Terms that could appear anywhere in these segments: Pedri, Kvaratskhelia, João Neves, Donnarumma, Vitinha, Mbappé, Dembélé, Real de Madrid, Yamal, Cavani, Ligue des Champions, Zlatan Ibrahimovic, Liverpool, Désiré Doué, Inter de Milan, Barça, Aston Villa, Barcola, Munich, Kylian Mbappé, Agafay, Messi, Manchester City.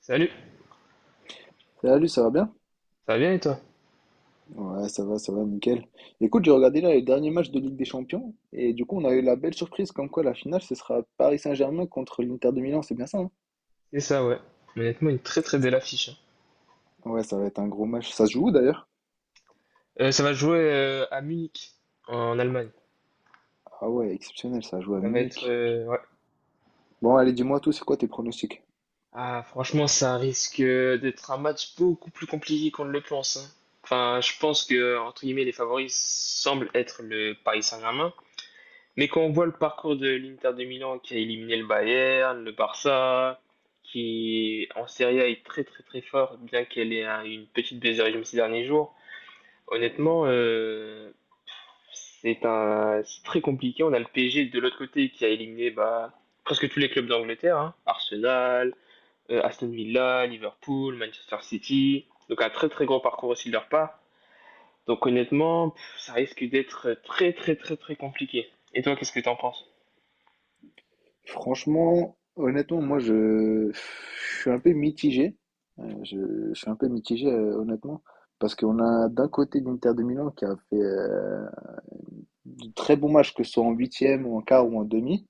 Salut, Salut, ça va bien? ça va bien et toi? Ouais, ça va, nickel. Écoute, j'ai regardé là les derniers matchs de Ligue des Champions et du coup, on a eu la belle surprise comme quoi la finale, ce sera Paris Saint-Germain contre l'Inter de Milan, c'est bien ça, hein. C'est ça, ouais. Mais honnêtement, une très très belle affiche, hein. Ouais, ça va être un gros match. Ça se joue où, d'ailleurs? Ça va jouer à Munich, en Allemagne. Ah ouais, exceptionnel, ça joue à Ça va être, Munich. Ouais. Bon, allez, dis-moi tout, c'est quoi tes pronostics? Ah, franchement, ça risque d'être un match beaucoup plus compliqué qu'on ne le pense, hein. Enfin, je pense que, entre guillemets, les favoris semblent être le Paris Saint-Germain. Mais quand on voit le parcours de l'Inter de Milan qui a éliminé le Bayern, le Barça, qui en Serie A est très très très fort, bien qu'elle ait une petite baisse régime ces derniers jours. Honnêtement, c'est très compliqué. On a le PSG de l'autre côté qui a éliminé bah, presque tous les clubs d'Angleterre, hein. Arsenal, Aston Villa, Liverpool, Manchester City. Donc un très très gros parcours aussi de leur part. Donc honnêtement, ça risque d'être très très très très compliqué. Et toi, qu'est-ce que t'en penses? Franchement, honnêtement, moi, je suis un peu mitigé. Euh, Je, je suis un peu mitigé, honnêtement, parce qu'on a d'un côté l'Inter de Milan qui a fait de très bons matchs, que ce soit en huitième ou en quart ou en demi.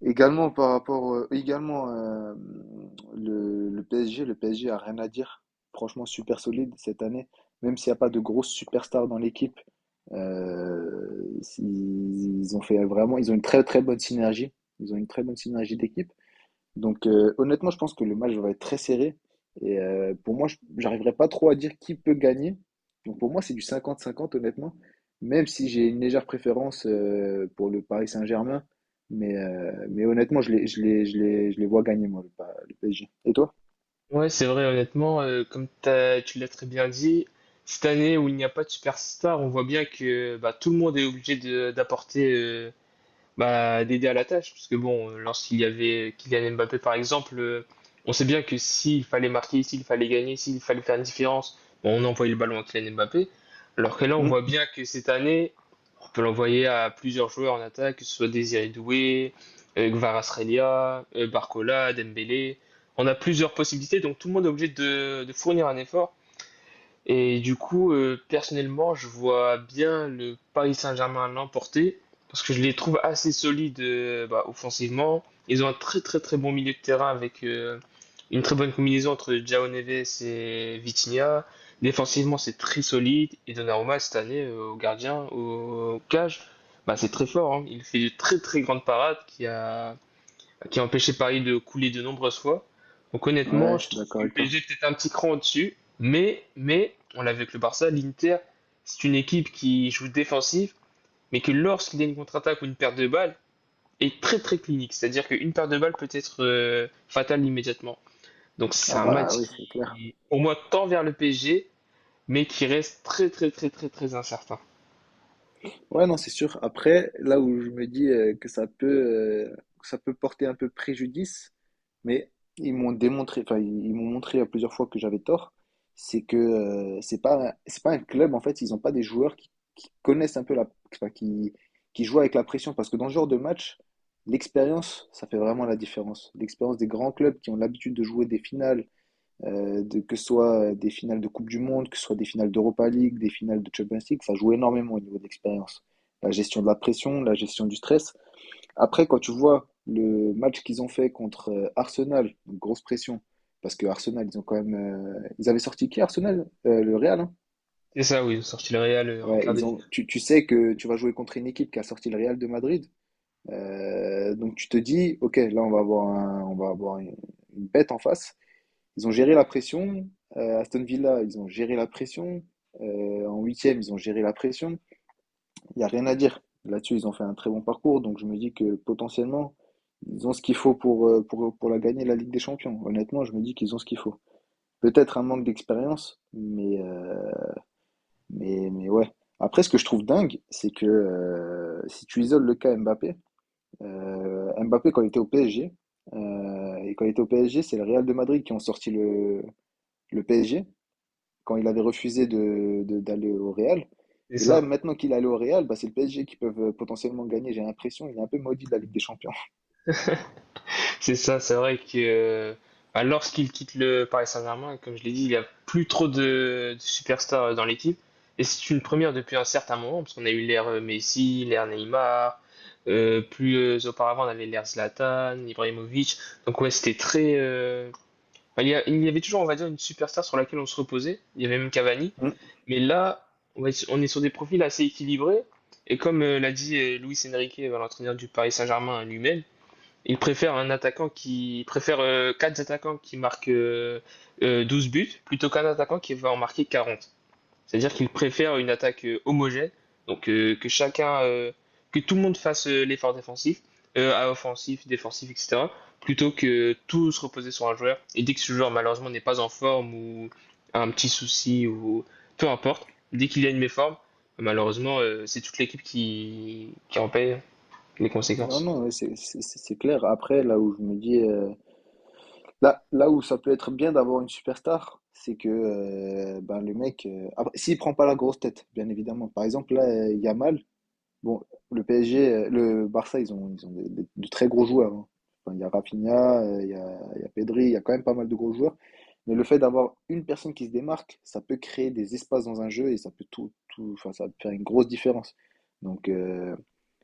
Également par rapport, également le PSG, le PSG a rien à dire. Franchement, super solide cette année. Même s'il n'y a pas de grosses superstars dans l'équipe, euh, ils ont fait vraiment, ils ont une très très bonne synergie. Ils ont une très bonne synergie d'équipe. Donc honnêtement, je pense que le match va être très serré. Et pour moi, je j'arriverai pas trop à dire qui peut gagner. Donc pour moi, c'est du cinquante-cinquante, honnêtement. Même si j'ai une légère préférence pour le Paris Saint-Germain. Mais honnêtement, je les vois gagner, moi, le PSG. Et toi? Ouais, c'est vrai, honnêtement, comme tu l'as très bien dit, cette année où il n'y a pas de superstar, on voit bien que bah, tout le monde est obligé d'apporter bah, d'aider à la tâche, parce que bon, lorsqu'il y avait Kylian Mbappé par exemple, on sait bien que s'il fallait marquer, s'il fallait gagner, s'il fallait faire une différence, bon, on envoyait le ballon à Kylian Mbappé, alors que là on Hmm. voit bien que cette année, on peut l'envoyer à plusieurs joueurs en attaque, que ce soit Désiré Doué, Kvaratskhelia, Barcola, Dembélé, on a plusieurs possibilités, donc tout le monde est obligé de fournir un effort. Et du coup, personnellement, je vois bien le Paris Saint-Germain l'emporter parce que je les trouve assez solides bah, offensivement. Ils ont un très très très bon milieu de terrain avec une très bonne combinaison entre João Neves et Vitinha. Défensivement, c'est très solide. Et Donnarumma, cette année, au gardien, au cage, bah, c'est très fort, hein. Il fait de très très grandes parades qui a empêché Paris de couler de nombreuses fois. Donc Ouais, honnêtement, je je suis trouve d'accord que le avec toi. PSG est peut-être un petit cran au-dessus, mais on l'a vu avec le Barça, l'Inter, c'est une équipe qui joue défensive, mais que lorsqu'il y a une contre-attaque ou une perte de balle, est très très clinique. C'est-à-dire qu'une perte de balle peut être fatale immédiatement. Donc c'est Ah un bah match oui, c'est clair. qui, au moins, tend vers le PSG, mais qui reste très très très très très incertain. Ouais, non, c'est sûr. Après, là où je me dis euh, que ça peut porter un peu préjudice, mais ils m'ont démontré, enfin, ils m'ont montré à plusieurs fois que j'avais tort, c'est que c'est pas un club, en fait, ils n'ont pas des joueurs qui, connaissent un peu la, enfin, qui, jouent avec la pression, parce que dans ce genre de match, l'expérience, ça fait vraiment la différence. L'expérience des grands clubs qui ont l'habitude de jouer des finales, que ce soit des finales de Coupe du Monde, que ce soit des finales d'Europa League, des finales de Champions League, ça joue énormément au niveau de l'expérience. La gestion de la pression, la gestion du stress. Après, quand tu vois le match qu'ils ont fait contre Arsenal, donc grosse pression, parce que Arsenal, ils ont quand même, ils avaient sorti qui Arsenal, le Real, hein. C'est ça, oui, sorti le Real en Ouais, quart de ils ont. finale. Tu sais que tu vas jouer contre une équipe qui a sorti le Real de Madrid, donc tu te dis, ok, là on va avoir un, on va avoir une bête en face. Ils ont géré la pression. Aston Villa, ils ont géré la pression. En huitième, ils ont géré la pression. Il n'y a rien à dire. Là-dessus, ils ont fait un très bon parcours. Donc je me dis que potentiellement, ils ont ce qu'il faut pour la gagner, la Ligue des Champions. Honnêtement, je me dis qu'ils ont ce qu'il faut. Peut-être un manque d'expérience, mais ouais. Après, ce que je trouve dingue, c'est que si tu isoles le cas Mbappé, quand il était au PSG, c'est le Real de Madrid qui ont sorti le PSG. Quand il avait refusé de, d'aller au Real. C'est Et là, ça. maintenant qu'il est allé au Real, bah, c'est le PSG qui peuvent potentiellement gagner. J'ai l'impression il est un peu maudit de la Ligue des Champions. C'est ça, c'est vrai que bah, lorsqu'il quitte le Paris Saint-Germain, comme je l'ai dit, il n'y a plus trop de superstars dans l'équipe. Et c'est une première depuis un certain moment, parce qu'on a eu l'ère Messi, l'ère Neymar, plus auparavant on avait l'ère Zlatan, Ibrahimovic. Donc ouais, c'était très, bah, il y avait toujours, on va dire, une superstar sur laquelle on se reposait. Il y avait même Cavani. Mm. Mais là, on est sur des profils assez équilibrés. Et comme l'a dit Luis Enrique, l'entraîneur du Paris Saint-Germain lui-même, il préfère quatre attaquants qui marquent 12 buts plutôt qu'un attaquant qui va en marquer 40. C'est-à-dire qu'il préfère une attaque homogène, donc que tout le monde fasse l'effort défensif, à offensif, défensif, etc., plutôt que tout se reposer sur un joueur. Et dès que ce joueur malheureusement n'est pas en forme ou a un petit souci ou peu importe, dès qu'il y a une méforme, malheureusement c'est toute l'équipe qui en paye les Non, conséquences. non, ouais, c'est clair. Après, là où je me dis, là où ça peut être bien d'avoir une superstar, c'est que ben, le mec, après, s'il prend pas la grosse tête, bien évidemment. Par exemple, là, Yamal, bon, le PSG, le Barça, ils ont de très gros joueurs, hein. Enfin, il y a Rafinha, il y a Pedri, il y a quand même pas mal de gros joueurs. Mais le fait d'avoir une personne qui se démarque, ça peut créer des espaces dans un jeu et ça peut tout, tout, enfin, ça peut faire une grosse différence. Donc,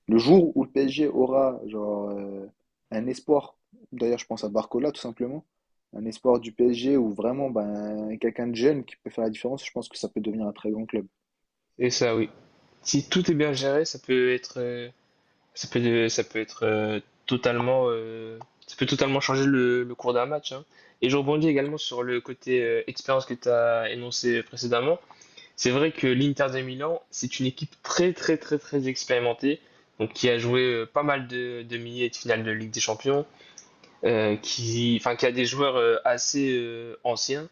le jour où le PSG aura genre un espoir, d'ailleurs, je pense à Barcola tout simplement, un espoir du PSG où vraiment ben quelqu'un de jeune qui peut faire la différence, je pense que ça peut devenir un très grand club. Et ça, oui. Si tout est bien géré, ça peut, ça peut être euh, totalement, euh, ça peut totalement changer le cours d'un match, hein. Et je rebondis également sur le côté expérience que tu as énoncé précédemment. C'est vrai que l'Inter de Milan, c'est une équipe très, très, très, très expérimentée, donc qui a joué pas mal de demi et de finales de Ligue des Champions, enfin, qui a des joueurs assez anciens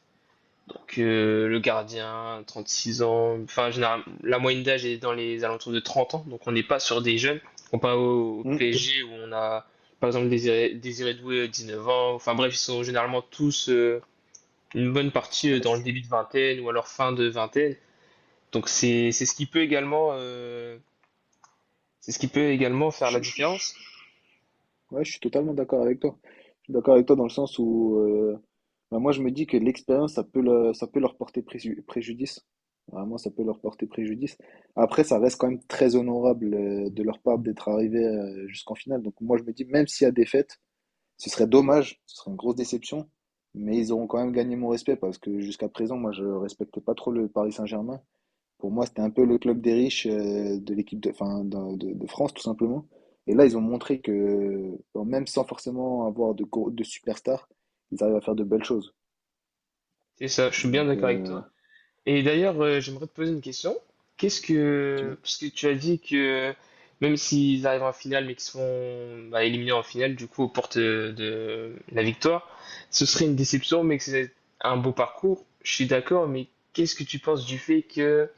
que le gardien, 36 ans. Enfin, général, la moyenne d'âge est dans les alentours de 30 ans, donc on n'est pas sur des jeunes. On pas au Hmm. PSG où on a, par exemple, Désiré Doué, 19 ans. Enfin bref, ils sont généralement tous une bonne partie dans le Ouais, début de vingtaine ou alors fin de vingtaine. Donc c'est ce qui peut également faire je- la je- je différence. Ouais, je suis totalement d'accord avec toi. Je suis d'accord avec toi dans le sens où bah, moi je me dis que l'expérience ça peut leur porter préjudice. Vraiment, ça peut leur porter préjudice. Après, ça reste quand même très honorable de leur part d'être arrivé jusqu'en finale. Donc moi je me dis même s'il y a défaite, ce serait dommage, ce serait une grosse déception, mais ils auront quand même gagné mon respect parce que jusqu'à présent moi je respecte pas trop le Paris Saint-Germain. Pour moi, c'était un peu le club des riches de l'équipe de, enfin, de France, tout simplement. Et là, ils ont montré que, bon, même sans forcément avoir de superstars, ils arrivent à faire de belles choses. C'est ça, je suis bien Donc, d'accord avec toi. Et d'ailleurs, j'aimerais te poser une question. Tu vois. Parce que tu as dit que même s'ils arrivent en finale, mais qu'ils se font bah, éliminés en finale, du coup, aux portes de la victoire, ce serait une déception, mais que c'est un beau parcours. Je suis d'accord, mais qu'est-ce que tu penses du fait que,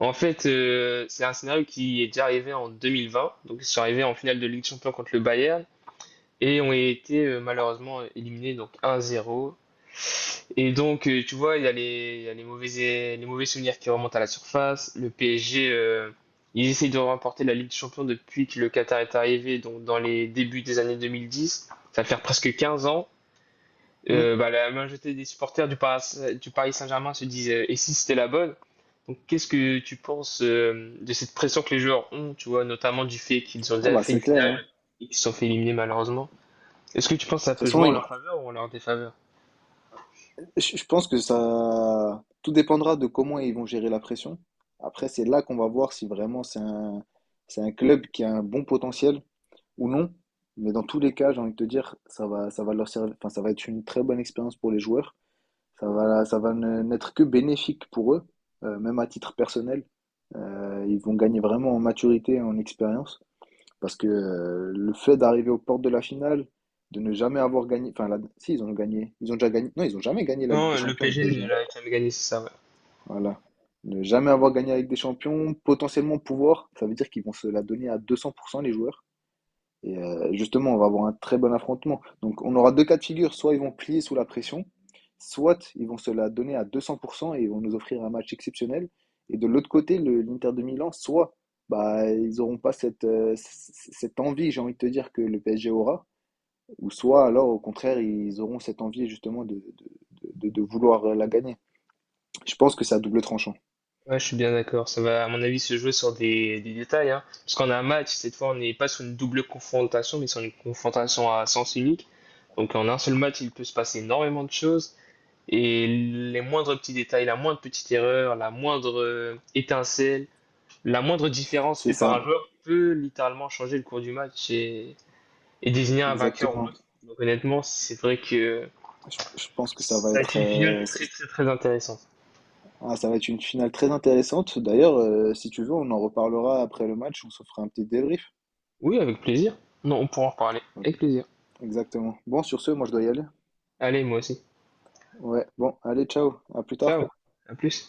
en fait, c'est un scénario qui est déjà arrivé en 2020, donc ils sont arrivés en finale de Ligue des Champions contre le Bayern et ont été malheureusement éliminés donc 1-0. Et donc, tu vois, il y a les mauvais souvenirs qui remontent à la surface. Le PSG, ils essayent de remporter la Ligue des Champions depuis que le Qatar est arrivé, donc dans les débuts des années 2010. Ça va faire presque 15 ans. Hmm. Bah, la majorité des supporters du Paris Saint-Germain se disent, et si c'était la bonne? Donc, qu'est-ce que tu penses de cette pression que les joueurs ont, tu vois, notamment du fait qu'ils ont Ah déjà bah, fait une c'est clair, finale hein. et qu'ils se sont fait éliminer malheureusement? Est-ce que tu penses que De ça toute peut façon, jouer en leur faveur ou en leur défaveur? je pense que ça. Tout dépendra de comment ils vont gérer la pression. Après, c'est là qu'on va voir si vraiment c'est un club qui a un bon potentiel ou non. Mais dans tous les cas, j'ai envie de te dire, ça va leur servir, enfin, ça va être une très bonne expérience pour les joueurs. Ça va n'être que bénéfique pour eux, même à titre personnel. Ils vont gagner vraiment en maturité en expérience. Parce que le fait d'arriver aux portes de la finale, de ne jamais avoir gagné. Enfin, si, ils ont gagné. Ils ont déjà gagné. Non, ils ont jamais gagné la Ligue Non, des le Champions, le PSG PSG, ne hein. l'a jamais gagné, c'est ça. Voilà. Ne jamais avoir gagné la Ligue des Champions, potentiellement pouvoir, ça veut dire qu'ils vont se la donner à 200% les joueurs. Et justement, on va avoir un très bon affrontement. Donc, on aura deux cas de figure. Soit ils vont plier sous la pression, soit ils vont se la donner à 200% et vont nous offrir un match exceptionnel. Et de l'autre côté, l'Inter de Milan, soit bah, ils n'auront pas cette envie, j'ai envie de te dire, que le PSG aura, ou soit alors, au contraire, ils auront cette envie justement de vouloir la gagner. Je pense que c'est à double tranchant. Ouais, je suis bien d'accord. Ça va, à mon avis, se jouer sur des détails, hein. Parce qu'on a un match, cette fois, on n'est pas sur une double confrontation, mais sur une confrontation à sens unique. Donc, en un seul match, il peut se passer énormément de choses. Et les moindres petits détails, la moindre petite erreur, la moindre étincelle, la moindre différence C'est faite par ça, un joueur peut littéralement changer le cours du match et désigner un vainqueur ou exactement. l'autre. Donc, honnêtement, c'est vrai que Je pense que ça va ça a été être, une finale ça, très, très, très intéressante. ah, ça va être une finale très intéressante. D'ailleurs, si tu veux, on en reparlera après le match, on se fera un petit débrief. Oui, avec plaisir. Non, on pourra en reparler. Ouais, Avec plaisir. exactement. Bon, sur ce, moi je dois y aller. Allez, moi aussi. Ouais, bon, allez, ciao, à plus tard. Ciao, à plus.